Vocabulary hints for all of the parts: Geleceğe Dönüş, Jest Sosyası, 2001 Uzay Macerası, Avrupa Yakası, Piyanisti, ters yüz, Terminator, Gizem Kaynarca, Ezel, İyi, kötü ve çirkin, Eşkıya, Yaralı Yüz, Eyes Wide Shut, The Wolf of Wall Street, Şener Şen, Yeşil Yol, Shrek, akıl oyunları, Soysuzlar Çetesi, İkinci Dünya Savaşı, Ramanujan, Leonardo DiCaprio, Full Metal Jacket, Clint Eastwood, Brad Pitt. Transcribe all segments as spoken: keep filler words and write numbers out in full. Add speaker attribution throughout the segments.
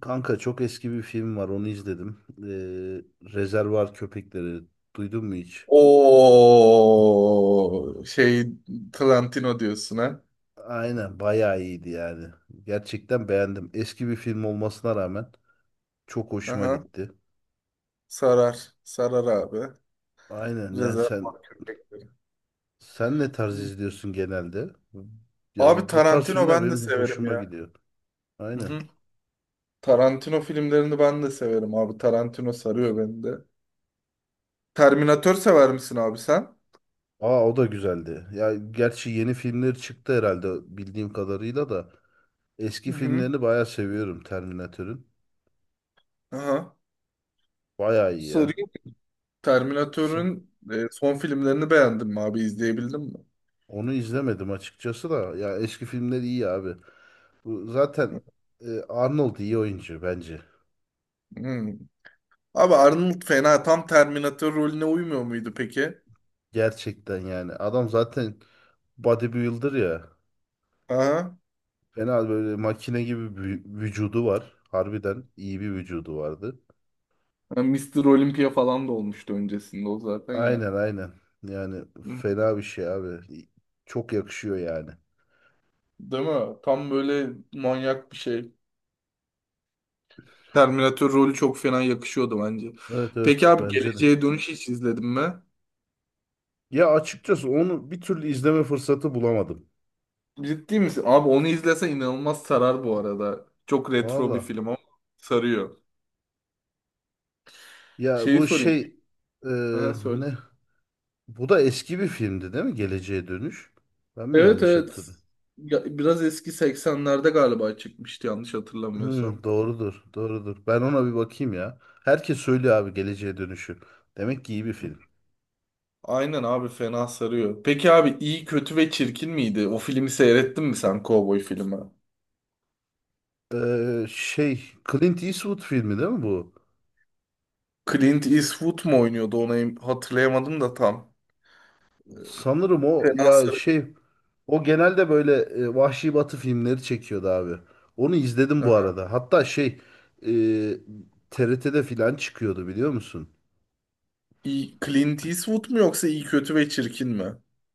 Speaker 1: Kanka çok eski bir film var onu izledim. Ee, Rezervuar Köpekleri duydun mu hiç?
Speaker 2: O şey Tarantino diyorsun ha.
Speaker 1: Aynen bayağı iyiydi yani. Gerçekten beğendim. Eski bir film olmasına rağmen çok hoşuma
Speaker 2: Aha,
Speaker 1: gitti.
Speaker 2: sarar. Sarar abi.
Speaker 1: Aynen yani sen
Speaker 2: Rezervuar köpekleri.
Speaker 1: sen ne tarz izliyorsun genelde? Ya
Speaker 2: Abi
Speaker 1: bu, bu tarz
Speaker 2: Tarantino
Speaker 1: filmler
Speaker 2: ben de
Speaker 1: benim
Speaker 2: severim
Speaker 1: hoşuma
Speaker 2: ya.
Speaker 1: gidiyor.
Speaker 2: Hı
Speaker 1: Aynen.
Speaker 2: hı. Tarantino filmlerini ben de severim abi. Tarantino sarıyor beni de. Terminator sever misin abi sen?
Speaker 1: Aa o da güzeldi. Ya gerçi yeni filmleri çıktı herhalde bildiğim kadarıyla da eski
Speaker 2: Hı hı.
Speaker 1: filmlerini bayağı seviyorum Terminator'ın.
Speaker 2: Aha.
Speaker 1: Bayağı iyi ya.
Speaker 2: Sarıyor. Terminator'un e, son filmlerini beğendin mi abi? İzleyebildin mi?
Speaker 1: Onu izlemedim açıkçası da. Ya eski filmler iyi abi. Bu zaten e, Arnold iyi oyuncu bence.
Speaker 2: Hmm. Abi Arnold fena tam Terminator rolüne uymuyor muydu peki?
Speaker 1: Gerçekten yani. Adam zaten bodybuilder ya.
Speaker 2: Aha.
Speaker 1: Fena böyle makine gibi bir vücudu var. Harbiden iyi bir vücudu vardı.
Speaker 2: Ha, mister Olympia falan da olmuştu öncesinde o zaten ya.
Speaker 1: Aynen aynen. Yani
Speaker 2: Hı, hı.
Speaker 1: fena bir şey abi. Çok yakışıyor yani.
Speaker 2: Değil mi? Tam böyle manyak bir şey. Terminator rolü çok fena yakışıyordu bence.
Speaker 1: Evet evet
Speaker 2: Peki abi
Speaker 1: bence de.
Speaker 2: Geleceğe Dönüş hiç izledin mi?
Speaker 1: Ya açıkçası onu bir türlü izleme fırsatı bulamadım.
Speaker 2: Ciddi misin? Abi onu izlesen inanılmaz sarar bu arada. Çok retro bir
Speaker 1: Valla.
Speaker 2: film ama sarıyor.
Speaker 1: Ya
Speaker 2: Şeyi
Speaker 1: bu
Speaker 2: sorayım.
Speaker 1: şey e,
Speaker 2: Aha, söyle.
Speaker 1: ne? Bu da eski bir filmdi değil mi? Geleceğe Dönüş. Ben mi
Speaker 2: Evet,
Speaker 1: yanlış
Speaker 2: evet.
Speaker 1: hatırlıyorum?
Speaker 2: Ya, biraz eski seksenlerde galiba çıkmıştı yanlış
Speaker 1: Hmm,
Speaker 2: hatırlamıyorsam.
Speaker 1: doğrudur, doğrudur. Ben ona bir bakayım ya. Herkes söylüyor abi Geleceğe Dönüş'ü. Demek ki iyi bir film.
Speaker 2: Aynen abi fena sarıyor. Peki abi iyi kötü ve çirkin miydi? O filmi seyrettin mi sen, Cowboy filmi?
Speaker 1: Ee, şey, Clint Eastwood filmi değil mi bu?
Speaker 2: Clint Eastwood mu oynuyordu onu, em- hatırlayamadım da tam.
Speaker 1: Sanırım o
Speaker 2: Fena
Speaker 1: ya
Speaker 2: sarıyor.
Speaker 1: şey, o genelde böyle e, Vahşi Batı filmleri çekiyordu abi. Onu izledim bu
Speaker 2: Aha.
Speaker 1: arada. Hatta şey, e, T R T'de filan çıkıyordu biliyor musun?
Speaker 2: İyi, Clint Eastwood mu yoksa iyi kötü ve çirkin mi?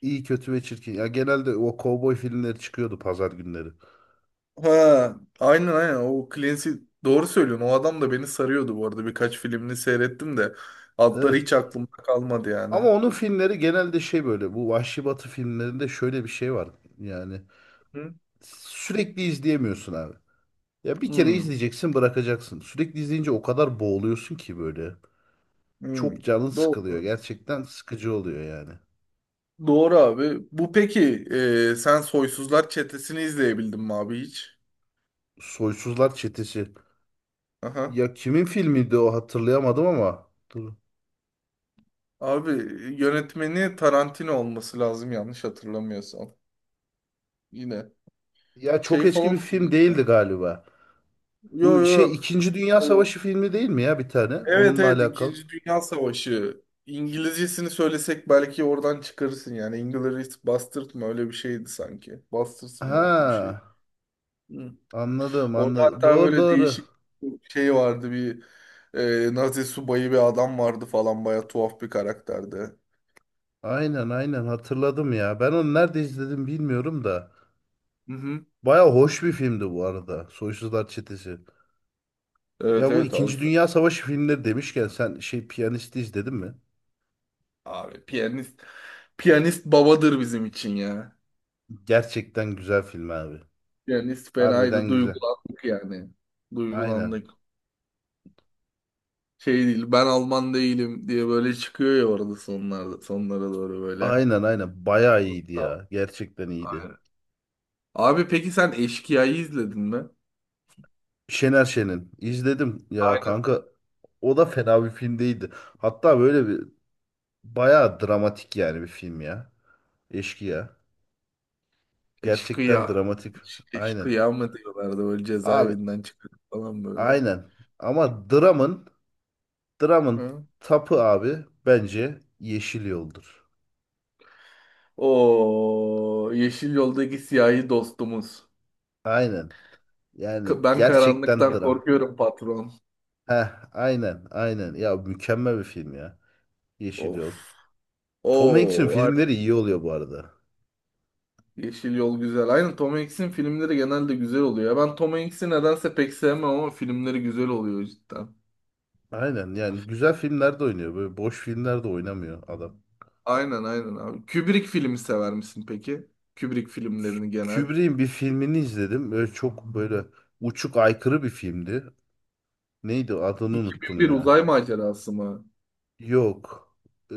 Speaker 1: İyi, kötü ve çirkin. Ya genelde o kovboy filmleri çıkıyordu pazar günleri.
Speaker 2: Ha, aynen, aynen, o Clint Eastwood, doğru söylüyorsun. O adam da beni sarıyordu bu arada. Birkaç filmini seyrettim de adları hiç
Speaker 1: Evet.
Speaker 2: aklımda kalmadı yani.
Speaker 1: Ama onun filmleri genelde şey böyle bu Vahşi Batı filmlerinde şöyle bir şey var. Yani
Speaker 2: Hı?
Speaker 1: sürekli izleyemiyorsun abi. Ya bir kere
Speaker 2: Hmm.
Speaker 1: izleyeceksin bırakacaksın. Sürekli izleyince o kadar boğuluyorsun ki böyle.
Speaker 2: Hmm.
Speaker 1: Çok canın
Speaker 2: Doğru.
Speaker 1: sıkılıyor. Gerçekten sıkıcı oluyor yani.
Speaker 2: Doğru abi. Bu peki e, sen Soysuzlar Çetesi'ni izleyebildin mi abi hiç?
Speaker 1: Soysuzlar Çetesi.
Speaker 2: Aha.
Speaker 1: Ya kimin filmiydi o hatırlayamadım ama. Dur.
Speaker 2: Abi yönetmeni Tarantino olması lazım yanlış hatırlamıyorsam. Yine
Speaker 1: Ya çok
Speaker 2: şey
Speaker 1: eski bir
Speaker 2: falan.
Speaker 1: film değildi galiba.
Speaker 2: Yo,
Speaker 1: Bu şey
Speaker 2: yo.
Speaker 1: İkinci Dünya
Speaker 2: Ee,
Speaker 1: Savaşı filmi değil mi ya bir tane?
Speaker 2: Evet,
Speaker 1: Onunla
Speaker 2: evet,
Speaker 1: alakalı.
Speaker 2: İkinci Dünya Savaşı. İngilizcesini söylesek belki oradan çıkarırsın yani. Inglourious Basterds mı, öyle bir şeydi sanki. Basterds mı,
Speaker 1: Ha
Speaker 2: öyle bir şey. Hı.
Speaker 1: anladım
Speaker 2: Orada
Speaker 1: anladım.
Speaker 2: hatta
Speaker 1: Doğru
Speaker 2: böyle
Speaker 1: doğru.
Speaker 2: değişik bir şey vardı, bir e, Nazi subayı bir adam vardı falan, baya tuhaf bir karakterdi.
Speaker 1: Aynen aynen hatırladım ya. Ben onu nerede izledim bilmiyorum da.
Speaker 2: Hı hı.
Speaker 1: Baya hoş bir filmdi bu arada. Soysuzlar Çetesi.
Speaker 2: Evet,
Speaker 1: Ya bu
Speaker 2: evet abi.
Speaker 1: İkinci Dünya Savaşı filmleri demişken sen şey Piyanisti izledin mi?
Speaker 2: Abi piyanist, piyanist babadır bizim için ya.
Speaker 1: Gerçekten güzel film abi.
Speaker 2: Piyanist fenaydı.
Speaker 1: Harbiden güzel.
Speaker 2: Duygulandık yani.
Speaker 1: Aynen.
Speaker 2: Duygulandık. Şey değil, ben Alman değilim diye böyle çıkıyor ya orada sonlarda, sonlara doğru böyle.
Speaker 1: Aynen aynen. Baya iyiydi
Speaker 2: Tamam.
Speaker 1: ya. Gerçekten iyiydi.
Speaker 2: Aynen. Abi peki sen Eşkıya'yı izledin mi?
Speaker 1: Şener Şen'in izledim ya
Speaker 2: Aynen.
Speaker 1: kanka. O da fena bir film değildi. Hatta böyle bir baya dramatik yani bir film ya. Eşkıya. Gerçekten
Speaker 2: Eşkıya.
Speaker 1: dramatik.
Speaker 2: Eş-
Speaker 1: Aynen.
Speaker 2: Eşkıya mı diyorlardı, böyle
Speaker 1: Abi
Speaker 2: cezaevinden çıkıp falan böyle.
Speaker 1: aynen. Ama Dram'ın Dram'ın
Speaker 2: Hı?
Speaker 1: tapı abi bence Yeşil Yol'dur.
Speaker 2: O yeşil yoldaki siyahi dostumuz.
Speaker 1: Aynen.
Speaker 2: K-
Speaker 1: Yani
Speaker 2: Ben
Speaker 1: gerçekten
Speaker 2: karanlıktan
Speaker 1: dram.
Speaker 2: korkuyorum patron.
Speaker 1: Heh, aynen, aynen. Ya mükemmel bir film ya. Yeşil Yol.
Speaker 2: Of. O
Speaker 1: Tom Hanks'in
Speaker 2: var.
Speaker 1: filmleri iyi oluyor bu arada.
Speaker 2: Yeşil yol güzel. Aynen, Tom Hanks'in filmleri genelde güzel oluyor. Ya, ben Tom Hanks'i nedense pek sevmem ama filmleri güzel oluyor cidden.
Speaker 1: Aynen yani güzel filmlerde oynuyor. Böyle boş filmlerde oynamıyor adam.
Speaker 2: Aynen, aynen abi. Kubrick filmi sever misin peki? Kubrick
Speaker 1: Kü-
Speaker 2: filmlerini genel.
Speaker 1: Kubrick'in bir filmini izledim. Böyle çok böyle uçuk aykırı bir filmdi. Neydi adını unuttum
Speaker 2: iki bin bir Uzay
Speaker 1: ya.
Speaker 2: Macerası mı?
Speaker 1: Yok. Ee,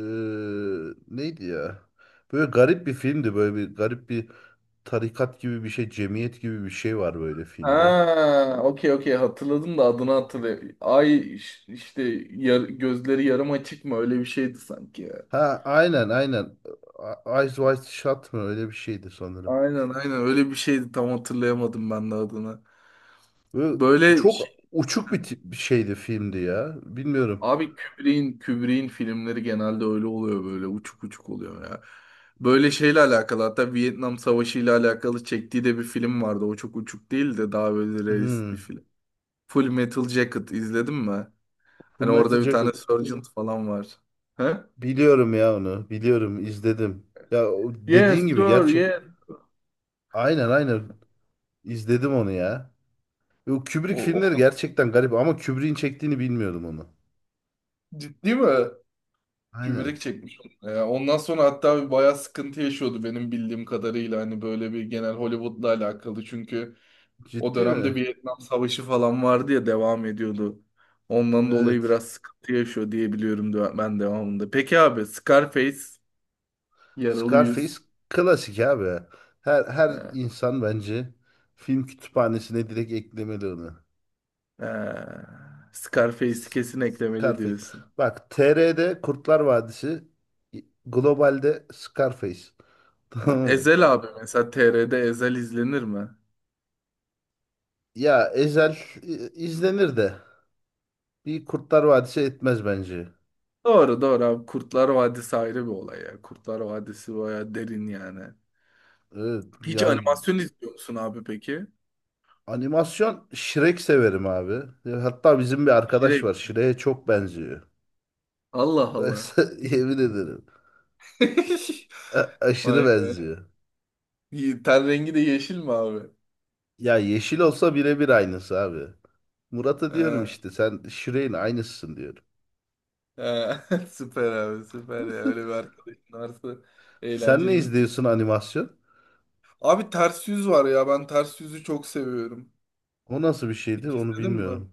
Speaker 1: neydi ya? Böyle garip bir filmdi. Böyle bir garip bir tarikat gibi bir şey, cemiyet gibi bir şey var böyle filmde.
Speaker 2: Ha, okey, okey, hatırladım da adını hatırlayayım. Ay, iş- işte, yar- gözleri yarım açık mı öyle bir şeydi sanki ya.
Speaker 1: Ha aynen aynen. A- Eyes Wide Shut mı? Öyle bir şeydi sanırım.
Speaker 2: Aynen, aynen, öyle bir şeydi, tam hatırlayamadım ben de adını.
Speaker 1: Böyle
Speaker 2: Böyle
Speaker 1: çok
Speaker 2: şey-
Speaker 1: uçuk bir, tip- bir şeydi filmdi ya. Bilmiyorum.
Speaker 2: abi Kubrick'in Kubrick'in filmleri genelde öyle oluyor, böyle uçuk uçuk oluyor ya. Böyle şeyle alakalı, hatta Vietnam Savaşı ile alakalı çektiği de bir film vardı. O çok uçuk değil de daha böyle realist bir
Speaker 1: Hmm.
Speaker 2: film. Full Metal Jacket izledin mi?
Speaker 1: Full
Speaker 2: Hani
Speaker 1: Metal
Speaker 2: orada bir
Speaker 1: Jacket.
Speaker 2: tane Sergeant falan var. He?
Speaker 1: Biliyorum ya onu. Biliyorum izledim. Ya o dediğin
Speaker 2: Yes
Speaker 1: gibi
Speaker 2: sir,
Speaker 1: gerçek.
Speaker 2: yes.
Speaker 1: Aynen aynen. izledim onu ya. Yo, Kubrick
Speaker 2: O, o
Speaker 1: filmleri
Speaker 2: da,
Speaker 1: gerçekten garip ama Kubrick'in çektiğini bilmiyordum onu.
Speaker 2: ciddi mi?
Speaker 1: Aynen.
Speaker 2: Kübrik çekmiş onu. Ya ondan sonra hatta bir bayağı sıkıntı yaşıyordu benim bildiğim kadarıyla. Hani böyle bir genel Hollywood'la alakalı. Çünkü o
Speaker 1: Ciddi
Speaker 2: dönemde
Speaker 1: mi?
Speaker 2: Vietnam Savaşı falan vardı ya, devam ediyordu. Ondan dolayı
Speaker 1: Evet.
Speaker 2: biraz sıkıntı yaşıyor diye biliyorum de- ben devamında. Peki abi Scarface, Yaralı
Speaker 1: Scarface
Speaker 2: Yüz.
Speaker 1: klasik abi. Her her
Speaker 2: He,
Speaker 1: insan bence film kütüphanesine direkt eklemeli onu.
Speaker 2: he. Scarface'i
Speaker 1: S-
Speaker 2: kesin eklemeli
Speaker 1: Scarface.
Speaker 2: diyorsun.
Speaker 1: Bak T R'de Kurtlar Vadisi, globalde Scarface.
Speaker 2: He.
Speaker 1: Tamam mı?
Speaker 2: Ezel abi mesela, T R'de Ezel izlenir mi?
Speaker 1: Ya Ezel i- izlenir de bir Kurtlar Vadisi etmez bence.
Speaker 2: Doğru, doğru abi. Kurtlar Vadisi ayrı bir olay ya. Kurtlar Vadisi bayağı derin yani.
Speaker 1: Evet,
Speaker 2: Hiç
Speaker 1: yani
Speaker 2: animasyon izliyor musun abi peki?
Speaker 1: animasyon Shrek severim abi. E, hatta bizim bir arkadaş var.
Speaker 2: Direkt.
Speaker 1: Shrek'e çok benziyor.
Speaker 2: Allah
Speaker 1: Ben
Speaker 2: Allah.
Speaker 1: sana yemin ederim. A- aşırı
Speaker 2: Vay be.
Speaker 1: benziyor.
Speaker 2: Ye- Ten rengi de yeşil mi abi?
Speaker 1: Ya yeşil olsa birebir aynısı abi. Murat'a diyorum
Speaker 2: Ha,
Speaker 1: işte sen Shrek'in aynısısın diyorum.
Speaker 2: ha. Süper abi, süper ya. Öyle bir arkadaşın varsa
Speaker 1: Sen ne
Speaker 2: eğlenceli bir tip.
Speaker 1: izliyorsun animasyon?
Speaker 2: Abi ters yüz var ya. Ben ters yüzü çok seviyorum.
Speaker 1: O nasıl bir şeydi
Speaker 2: Hiç
Speaker 1: onu
Speaker 2: izledin mi?
Speaker 1: bilmiyorum.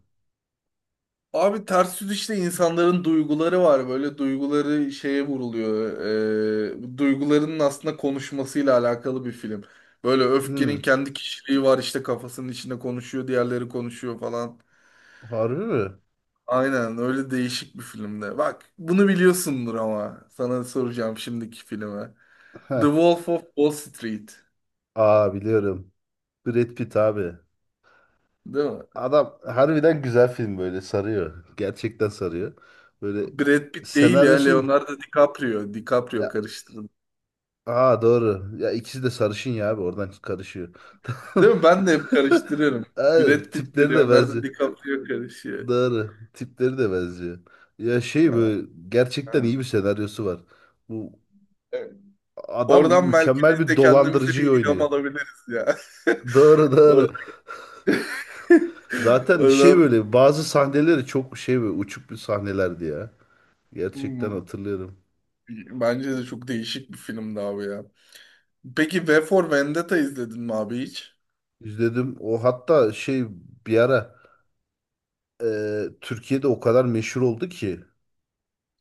Speaker 2: Abi ters yüz işte, insanların duyguları var. Böyle duyguları şeye vuruluyor. Ee, duygularının aslında konuşmasıyla alakalı bir film. Böyle öfkenin
Speaker 1: Hmm,
Speaker 2: kendi kişiliği var işte, kafasının içinde konuşuyor, diğerleri konuşuyor falan.
Speaker 1: harbi mi?
Speaker 2: Aynen, öyle değişik bir filmde. Bak, bunu biliyorsundur ama sana soracağım şimdiki filme. The
Speaker 1: Heh.
Speaker 2: Wolf of Wall Street.
Speaker 1: Aa biliyorum. Brad Pitt abi.
Speaker 2: Değil mi?
Speaker 1: Adam harbiden güzel film böyle sarıyor. Gerçekten sarıyor. Böyle
Speaker 2: Brad Pitt değil ya,
Speaker 1: senaryosun
Speaker 2: Leonardo DiCaprio. DiCaprio karıştırdı.
Speaker 1: aa doğru. Ya ikisi de sarışın ya abi oradan karışıyor. Tamam.
Speaker 2: Değil mi? Ben de hep karıştırıyorum.
Speaker 1: Aynen,
Speaker 2: Brad Pitt
Speaker 1: tipleri
Speaker 2: veriyor.
Speaker 1: de
Speaker 2: Onlar da
Speaker 1: benziyor.
Speaker 2: DiCaprio karışıyor.
Speaker 1: Doğru. Tipleri de benziyor. Ya şey
Speaker 2: Ha,
Speaker 1: böyle gerçekten
Speaker 2: ha.
Speaker 1: iyi bir senaryosu var. Bu
Speaker 2: Evet.
Speaker 1: adam
Speaker 2: Oradan belki
Speaker 1: mükemmel
Speaker 2: biz
Speaker 1: bir
Speaker 2: de kendimize
Speaker 1: dolandırıcıyı
Speaker 2: bir ilham
Speaker 1: oynuyor.
Speaker 2: alabiliriz ya.
Speaker 1: Doğru
Speaker 2: Oradan,
Speaker 1: doğru. Zaten şey
Speaker 2: oradan.
Speaker 1: böyle bazı sahneleri çok şey böyle uçuk bir sahnelerdi ya. Gerçekten
Speaker 2: Hmm.
Speaker 1: hatırlıyorum.
Speaker 2: Bence de çok değişik bir filmdi abi ya. Peki V for Vendetta izledin mi abi hiç?
Speaker 1: İzledim. O hatta şey bir ara e, Türkiye'de o kadar meşhur oldu ki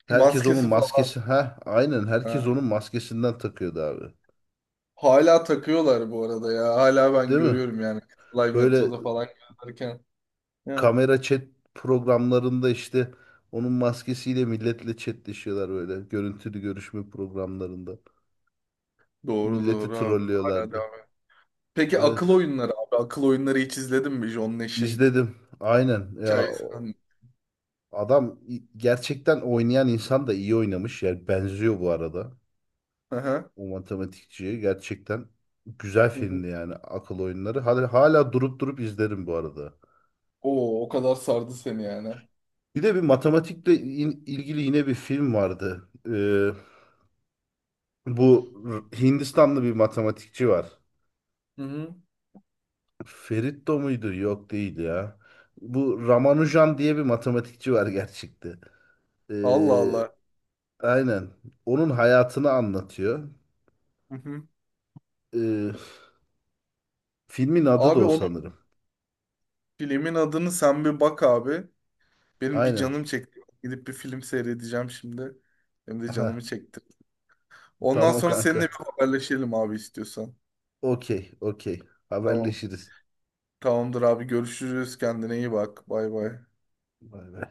Speaker 1: herkes onun
Speaker 2: Maskesi falan.
Speaker 1: maskesi ha aynen herkes
Speaker 2: Ha.
Speaker 1: onun maskesinden takıyordu abi.
Speaker 2: Hala takıyorlar bu arada ya. Hala ben
Speaker 1: Değil mi?
Speaker 2: görüyorum yani. Live
Speaker 1: Böyle
Speaker 2: metroda falan gezerken. Ya.
Speaker 1: kamera chat programlarında işte onun maskesiyle milletle chatleşiyorlar böyle. Görüntülü görüşme programlarında.
Speaker 2: Doğru,
Speaker 1: Milleti
Speaker 2: doğru abi. Hala
Speaker 1: trollüyorlardı.
Speaker 2: devam. Peki
Speaker 1: Evet.
Speaker 2: akıl oyunları abi. Akıl oyunları hiç izledin mi? John Nash'in
Speaker 1: İzledim. Aynen. Ya o-
Speaker 2: hikayesinden.
Speaker 1: adam i- gerçekten oynayan insan da iyi oynamış. Yani benziyor bu arada.
Speaker 2: Hı hı.
Speaker 1: O matematikçiye gerçekten güzel
Speaker 2: Hı hı.
Speaker 1: filmdi yani akıl oyunları. Hala, hala durup durup izlerim bu arada.
Speaker 2: Oo, o kadar sardı seni yani.
Speaker 1: Bir de bir matematikle in- ilgili yine bir film vardı. Ee, bu R- Hindistanlı bir matematikçi var.
Speaker 2: Hı hı.
Speaker 1: Feritto muydu? Yok değil ya. Bu Ramanujan diye bir matematikçi var gerçekte. Ee,
Speaker 2: Allah Allah.
Speaker 1: aynen. Onun hayatını anlatıyor.
Speaker 2: Hı hı.
Speaker 1: Ee, filmin adı da
Speaker 2: Abi
Speaker 1: o
Speaker 2: onun,
Speaker 1: sanırım.
Speaker 2: filmin adını sen bir bak abi. Benim bir
Speaker 1: Aynen.
Speaker 2: canım çekti. Gidip bir film seyredeceğim şimdi. Hem de
Speaker 1: Ha,
Speaker 2: canımı çekti. Ondan
Speaker 1: tamam
Speaker 2: sonra
Speaker 1: kanka.
Speaker 2: seninle bir haberleşelim abi, istiyorsan.
Speaker 1: Okey, okey.
Speaker 2: Tamam.
Speaker 1: Haberleşiriz.
Speaker 2: Tamamdır abi. Görüşürüz. Kendine iyi bak. Bay bay.
Speaker 1: Bay bay.